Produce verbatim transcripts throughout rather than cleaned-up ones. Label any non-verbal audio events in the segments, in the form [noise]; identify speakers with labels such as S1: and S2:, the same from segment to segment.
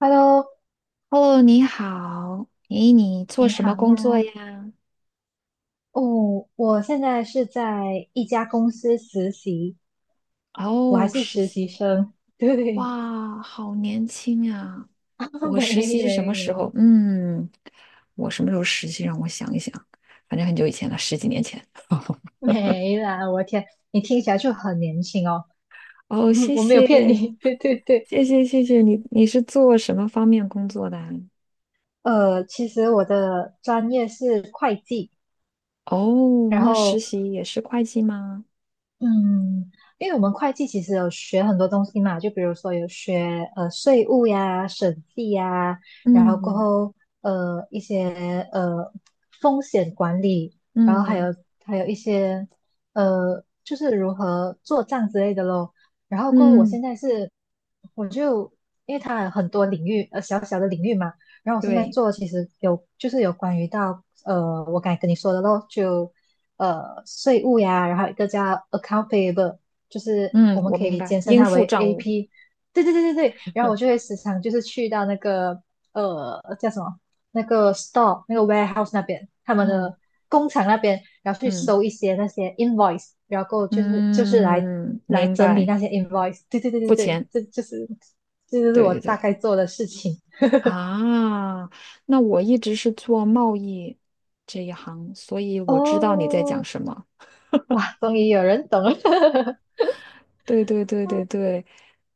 S1: Hello，
S2: 哦，你好。诶，你做
S1: 你
S2: 什
S1: 好
S2: 么工作
S1: 呀。
S2: 呀？
S1: 哦，我现在是在一家公司实习，我还
S2: 哦，
S1: 是
S2: 实
S1: 实习
S2: 习。
S1: 生。对，
S2: 哇，好年轻啊！
S1: [laughs] 啊
S2: 我
S1: 没
S2: 实习是什
S1: 没
S2: 么时候？
S1: 没
S2: 嗯，我什么时候实习？让我想一想，反正很久以前了，十几年前。
S1: 没啦！我天，你听起来就很年轻哦。[laughs]
S2: 哦，
S1: 嗯
S2: 谢
S1: 我没有骗
S2: 谢，
S1: 你。[laughs] 对对对，
S2: 谢谢，谢谢你。你是做什么方面工作的啊
S1: 呃，其实我的专业是会计，
S2: 哦，
S1: 然
S2: 那实
S1: 后
S2: 习也是会计吗？
S1: 嗯，因为我们会计其实有学很多东西嘛，就比如说有学呃税务呀、审计呀，然后过
S2: 嗯
S1: 后呃一些呃风险管理，然后还
S2: 嗯
S1: 有还有一些呃就是如何做账之类的咯。然后过后我
S2: 嗯，
S1: 现在是我就因为它有很多领域呃小小的领域嘛，然后我现在
S2: 对，
S1: 做其实有就是有关于到呃我刚才跟你说的咯，就呃税务呀，然后一个叫 account payable，就是我
S2: 嗯，
S1: 们
S2: 我
S1: 可
S2: 明
S1: 以
S2: 白，
S1: 简称
S2: 应
S1: 它
S2: 付
S1: 为
S2: 账务。
S1: A P。对对对对对，然后我就
S2: [laughs]
S1: 会时常就是去到那个呃叫什么那个 store 那个 warehouse 那边，他们
S2: 嗯
S1: 的工厂那边，然后去
S2: 嗯。
S1: 收一些那些 invoice，然后就是就是来
S2: 嗯，
S1: 来
S2: 明
S1: 整理
S2: 白，
S1: 那些 invoice。对对对对
S2: 付
S1: 对，
S2: 钱，
S1: 这就是这就是
S2: 对
S1: 我
S2: 对
S1: 大
S2: 对，
S1: 概做的事情。
S2: 啊，那我一直是做贸易这一行，所以我知道你在讲
S1: 哦，
S2: 什么。
S1: 哇，终于有人懂了。[laughs]
S2: 对对对对对，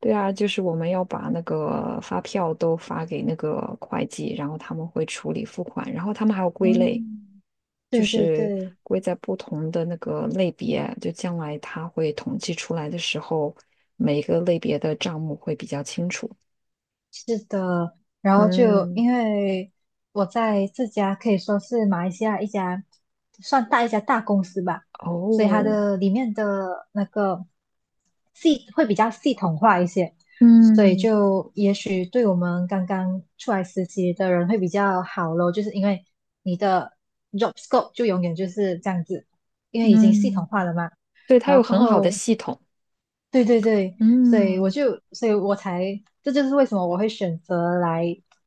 S2: 对啊，就是我们要把那个发票都发给那个会计，然后他们会处理付款，然后他们还有归类，
S1: 嗯，
S2: 就
S1: 对对
S2: 是
S1: 对，
S2: 归在不同的那个类别，就将来他会统计出来的时候，每个类别的账目会比较清楚。
S1: 是的，然后就
S2: 嗯。
S1: 因为我在这家可以说是马来西亚一家算大一家大公司吧，所以它
S2: 哦，
S1: 的里面的那个系会比较系统化一些，所以
S2: 嗯
S1: 就也许对我们刚刚出来实习的人会比较好咯，就是因为你的 job scope 就永远就是这样子，因为已经系统
S2: 嗯，
S1: 化了嘛，
S2: 对，它
S1: 然
S2: 有
S1: 后过
S2: 很好的
S1: 后
S2: 系统，
S1: 对对对，所以我
S2: 嗯
S1: 就，所以我才，这就是为什么我会选择来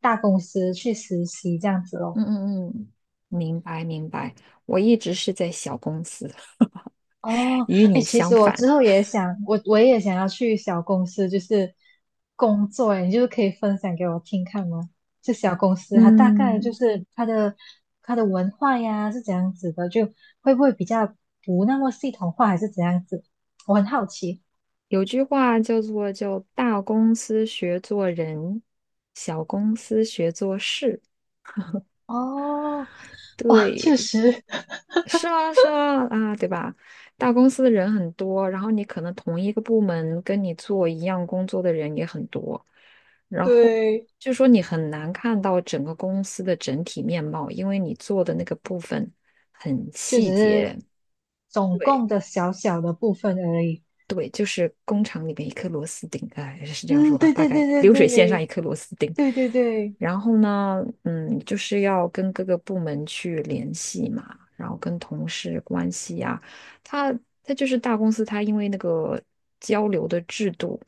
S1: 大公司去实习这样子咯。
S2: 嗯嗯嗯，明白明白。我一直是在小公司，[laughs]
S1: 哦，
S2: 与
S1: 哎，
S2: 你
S1: 其
S2: 相
S1: 实我
S2: 反。
S1: 之后也想，我我也想要去小公司，就是工作，哎，你就是可以分享给我听看吗？这小公司它大概
S2: 嗯，
S1: 就是它的它的文化呀是怎样子的，就会不会比较不那么系统化，还是怎样子？我很好奇。
S2: 有句话叫做“就大公司学做人，小公司学做事”。
S1: 哦，哇，确
S2: 对，
S1: 实，
S2: 是啊，是啊，啊，对吧？大公司的人很多，然后你可能同一个部门跟你做一样工作的人也很多，
S1: [laughs]
S2: 然后
S1: 对。
S2: 就说你很难看到整个公司的整体面貌，因为你做的那个部分很
S1: 就
S2: 细
S1: 只是
S2: 节。
S1: 总
S2: 对。
S1: 共的小小的部分而已。
S2: 对，就是工厂里面一颗螺丝钉，哎，是这样说
S1: 嗯，
S2: 吧，
S1: 对
S2: 大
S1: 对
S2: 概
S1: 对对
S2: 流水
S1: 对
S2: 线上一颗螺丝钉。
S1: 对对对，
S2: 然后呢，嗯，就是要跟各个部门去联系嘛，然后跟同事关系呀、他他就是大公司，他因为那个交流的制度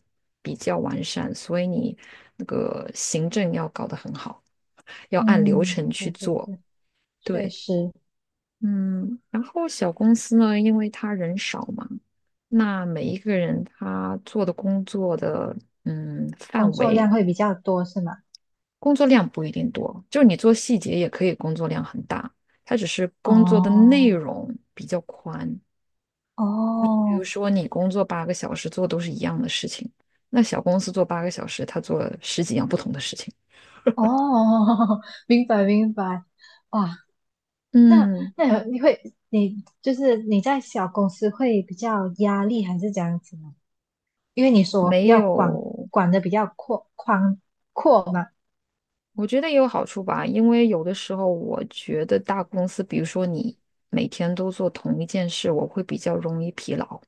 S2: 比较完善，所以你那个行政要搞得很好，要按流程
S1: 嗯，
S2: 去
S1: 对对
S2: 做。
S1: 对，确
S2: 对，
S1: 实
S2: 嗯，然后小公司呢，因为他人少嘛，那每一个人他做的工作的嗯
S1: 工
S2: 范
S1: 作量
S2: 围，
S1: 会比较多，是吗？
S2: 工作量不一定多，就是你做细节也可以工作量很大，他只是工作的内
S1: 哦
S2: 容比较宽。比如
S1: 哦
S2: 说你工作八个小时做都是一样的事情，那小公司做八个小时，他做了十几样不同的事情。
S1: 哦，[laughs] 明白明白。哇，那
S2: 嗯，
S1: 那有你会你就是你在小公司会比较压力还是怎样子呢？因为你说
S2: 没
S1: 要管
S2: 有。
S1: 管的比较阔宽阔嘛，
S2: 我觉得也有好处吧，因为有的时候我觉得大公司，比如说你每天都做同一件事，我会比较容易疲劳，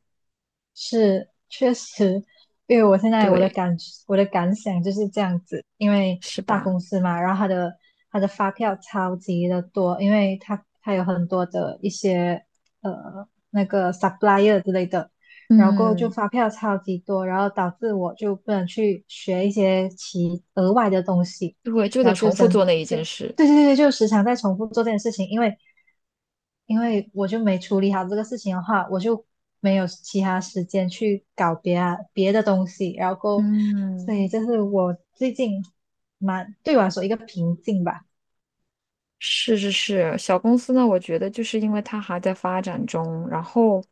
S1: 是，确实，因为我现在我的
S2: 对，
S1: 感我的感想就是这样子，因为
S2: 是
S1: 大
S2: 吧？
S1: 公司嘛，然后它的它的发票超级的多，因为它它有很多的一些呃那个 supplier 之类的，然后过后就
S2: 嗯，
S1: 发票超级多，然后导致我就不能去学一些其额外的东西，
S2: 对，就
S1: 然
S2: 得
S1: 后就
S2: 重复
S1: 真
S2: 做那一
S1: 就
S2: 件事。
S1: 对对对，就时常在重复做这件事情，因为因为我就没处理好这个事情的话，我就没有其他时间去搞别啊别的东西，然后
S2: 嗯。
S1: 所以这是我最近蛮对我来说一个瓶颈吧。
S2: 是是是，小公司呢，我觉得就是因为它还在发展中，然后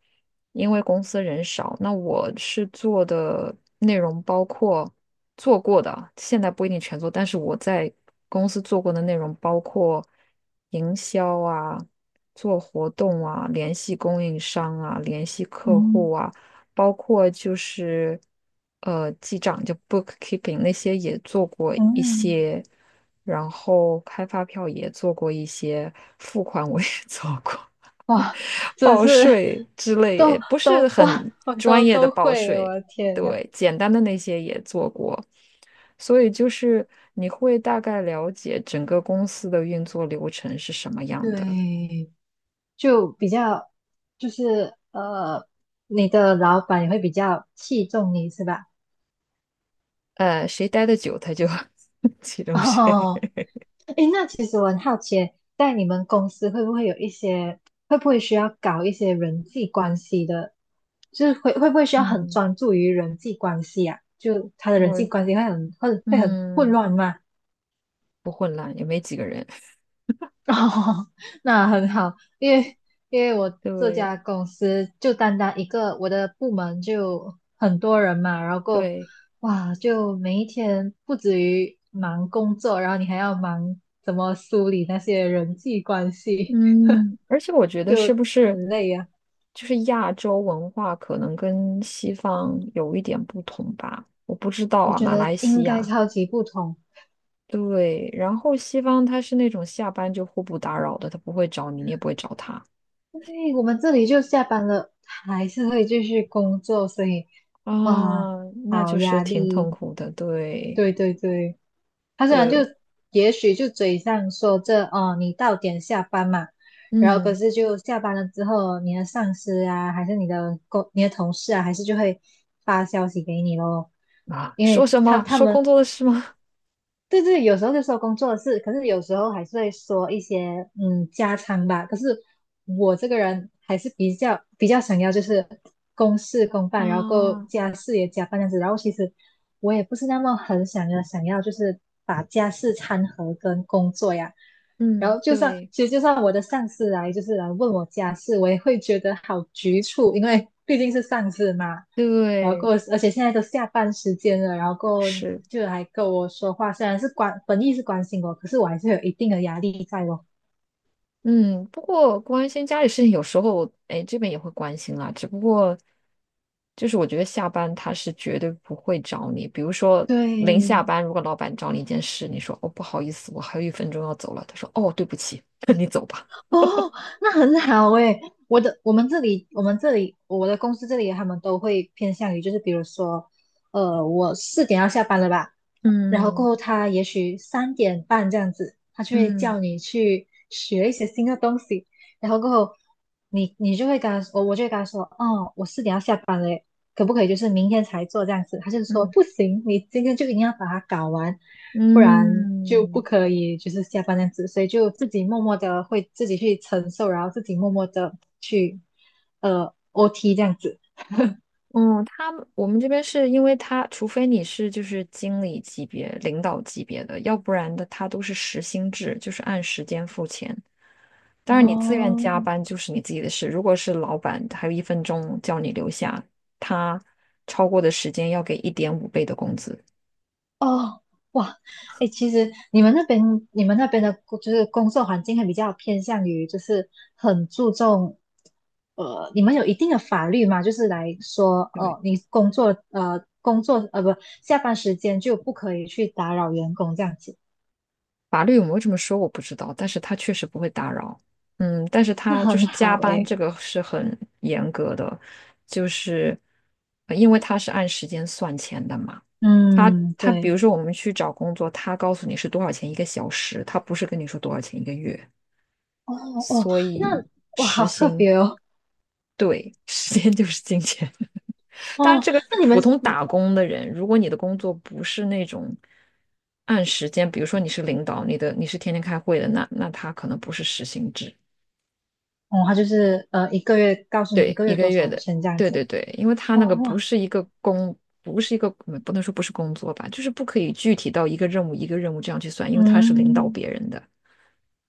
S2: 因为公司人少，那我是做的内容包括做过的，现在不一定全做，但是我在公司做过的内容包括营销啊、做活动啊、联系供应商啊、联系客
S1: 嗯
S2: 户啊。包括就是呃记账就 bookkeeping 那些也做过一
S1: 嗯，
S2: 些，然后开发票也做过一些，付款我也 [laughs] 做过，
S1: 哇，真
S2: 报
S1: 是
S2: 税之类也
S1: 都
S2: 不是
S1: 都哇，
S2: 很
S1: 我
S2: 专
S1: 都
S2: 业的
S1: 都
S2: 报
S1: 会，
S2: 税，
S1: 我的天呐，
S2: 对，简单的那些也做过，所以就是你会大概了解整个公司的运作流程是什么样的，
S1: 对，就比较就是呃，你的老板也会比较器重你是吧？
S2: 呃，谁待的久他就 [laughs] 启
S1: [laughs]
S2: 动谁，
S1: 哦，诶，那其实我很好奇，在你们公司会不会有一些，会不会需要搞一些人际关系的，就是会会不会需要很
S2: 嗯，
S1: 专注于人际关系啊？就他的人际
S2: 我
S1: 关系会很会会很混
S2: 嗯。
S1: 乱吗？
S2: 不混乱，也没几个人。[laughs]
S1: [laughs] 哦，那很好，因为因为我这
S2: 对
S1: 家公司就单单一个我的部门就很多人嘛，然后够
S2: 对，
S1: 哇，就每一天不止于忙工作，然后你还要忙怎么梳理那些人际关系。
S2: 嗯，而且我觉得
S1: 就
S2: 是不是
S1: 很累呀、
S2: 就是亚洲文化可能跟西方有一点不同吧？我不知道
S1: 我
S2: 啊，
S1: 觉
S2: 马来
S1: 得应
S2: 西
S1: 该
S2: 亚。
S1: 超级不同。
S2: 对，然后西方他是那种下班就互不打扰的，他不会找你，你也不会找他
S1: 对，我们这里就下班了，还是会继续工作，所以哇，
S2: 啊，那
S1: 好
S2: 就是
S1: 压
S2: 挺痛
S1: 力。
S2: 苦的。对
S1: 对对对，他虽然就
S2: 对，
S1: 也许就嘴上说这哦，你到点下班嘛，然后可
S2: 嗯
S1: 是就下班了之后，你的上司啊，还是你的工、你的同事啊，还是就会发消息给你咯。
S2: 啊，
S1: 因
S2: 说
S1: 为
S2: 什
S1: 他
S2: 么？
S1: 他
S2: 说
S1: 们
S2: 工作的事吗？
S1: 对对，有时候就说工作的事，可是有时候还是会说一些嗯家常吧。可是我这个人还是比较比较想要就是公事公办，然后够
S2: 啊，
S1: 家事也加班这样子。然后其实我也不是那么很想要想要就是把家事掺和跟工作呀。然
S2: 嗯，
S1: 后就算
S2: 对
S1: 其实就算我的上司来就是来问我家事，我也会觉得好局促，因为毕竟是上司嘛。然后够，
S2: 对，
S1: 而且现在都下班时间了，然后够
S2: 是。
S1: 就还跟我说话，虽然是关本意是关心我，可是我还是有一定的压力在哦。
S2: 嗯，不过关心家里事情有时候，哎，这边也会关心啦。只不过，就是我觉得下班他是绝对不会找你。比如说临下
S1: 对，
S2: 班，如果老板找你一件事，你说哦不好意思，我还有一分钟要走了，他说哦对不起，[laughs] 那你走吧。
S1: 哦，那很好诶。我的我们这里我们这里我的公司这里他们都会偏向于就是比如说，呃，我四点要下班了吧，然后过
S2: 嗯
S1: 后他也许三点半这样子，他就会
S2: 嗯
S1: 叫你去学一些新的东西，然后过后你你就会跟他说，我我就会跟他说，哦，我四点要下班嘞，可不可以就是明天才做这样子？他就说
S2: 嗯
S1: 不行，你今天就一定要把它搞完，不然就不
S2: 嗯
S1: 可以就是下班这样子，所以就自己默默的会自己去承受，然后自己默默的去呃 O T 这样子。
S2: 嗯，他们我们这边是因为他，除非你是就是经理级别、领导级别的，要不然的他都是时薪制，就是按时间付钱。当然，你自愿
S1: 哦，
S2: 加班就是你自己的事。如果是老板还有一分钟叫你留下，他超过的时间要给一点五倍的工资。
S1: 哦，哇，哎，其实你们那边你们那边的工，就是工作环境还比较偏向于，就是很注重，呃，你们有一定的法律吗？就是来说，
S2: 对，
S1: 哦，你工作，呃，工作，呃，不，下班时间就不可以去打扰员工这样子，
S2: 法律有没有这么说我不知道，但是他确实不会打扰。嗯，但是
S1: 那
S2: 他就
S1: 很
S2: 是
S1: 好
S2: 加班
S1: 哎，
S2: 这个是很严格的，就是呃因为他是按时间算钱的嘛。他
S1: 嗯，
S2: 他比
S1: 对，
S2: 如说我们去找工作，他告诉你是多少钱一个小时，他不是跟你说多少钱一个月，
S1: 哦哦，
S2: 所以
S1: 那哇，
S2: 时
S1: 好特
S2: 薪。
S1: 别哦，
S2: 对，[laughs] 时间就是金钱。[laughs] 当然，
S1: 哦，
S2: 这个是
S1: 那你
S2: 普
S1: 们，
S2: 通打工的人。如果你的工作不是那种按时间，比如说你是领导，你的你是天天开会的，那那他可能不是时薪制，
S1: 哦，他就是呃，一个月告诉你一
S2: 对，
S1: 个
S2: 一
S1: 月
S2: 个
S1: 多
S2: 月
S1: 少
S2: 的，
S1: 钱这样
S2: 对
S1: 子，
S2: 对对，因为他
S1: 哦
S2: 那个不
S1: 哇，
S2: 是一个工，不是一个，嗯不能说不是工作吧，就是不可以具体到一个任务一个任务这样去算，因为他是领导
S1: 嗯。
S2: 别人的。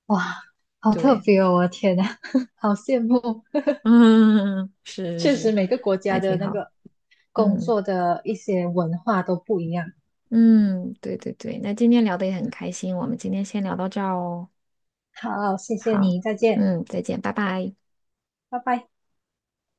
S1: 哇，好特
S2: 对，
S1: 别哦！我的天呐，[laughs] 好羡慕。
S2: [laughs] 嗯，是是
S1: 确实，
S2: 是，
S1: 每个国家
S2: 还
S1: 的
S2: 挺
S1: 那
S2: 好，
S1: 个工
S2: 嗯。
S1: 作的一些文化都不一样。
S2: 嗯，对对对，那今天聊的也很开心，我们今天先聊到这儿哦。
S1: 好，谢谢
S2: 好，
S1: 你，再见，
S2: 嗯，再见，拜拜。
S1: 拜拜。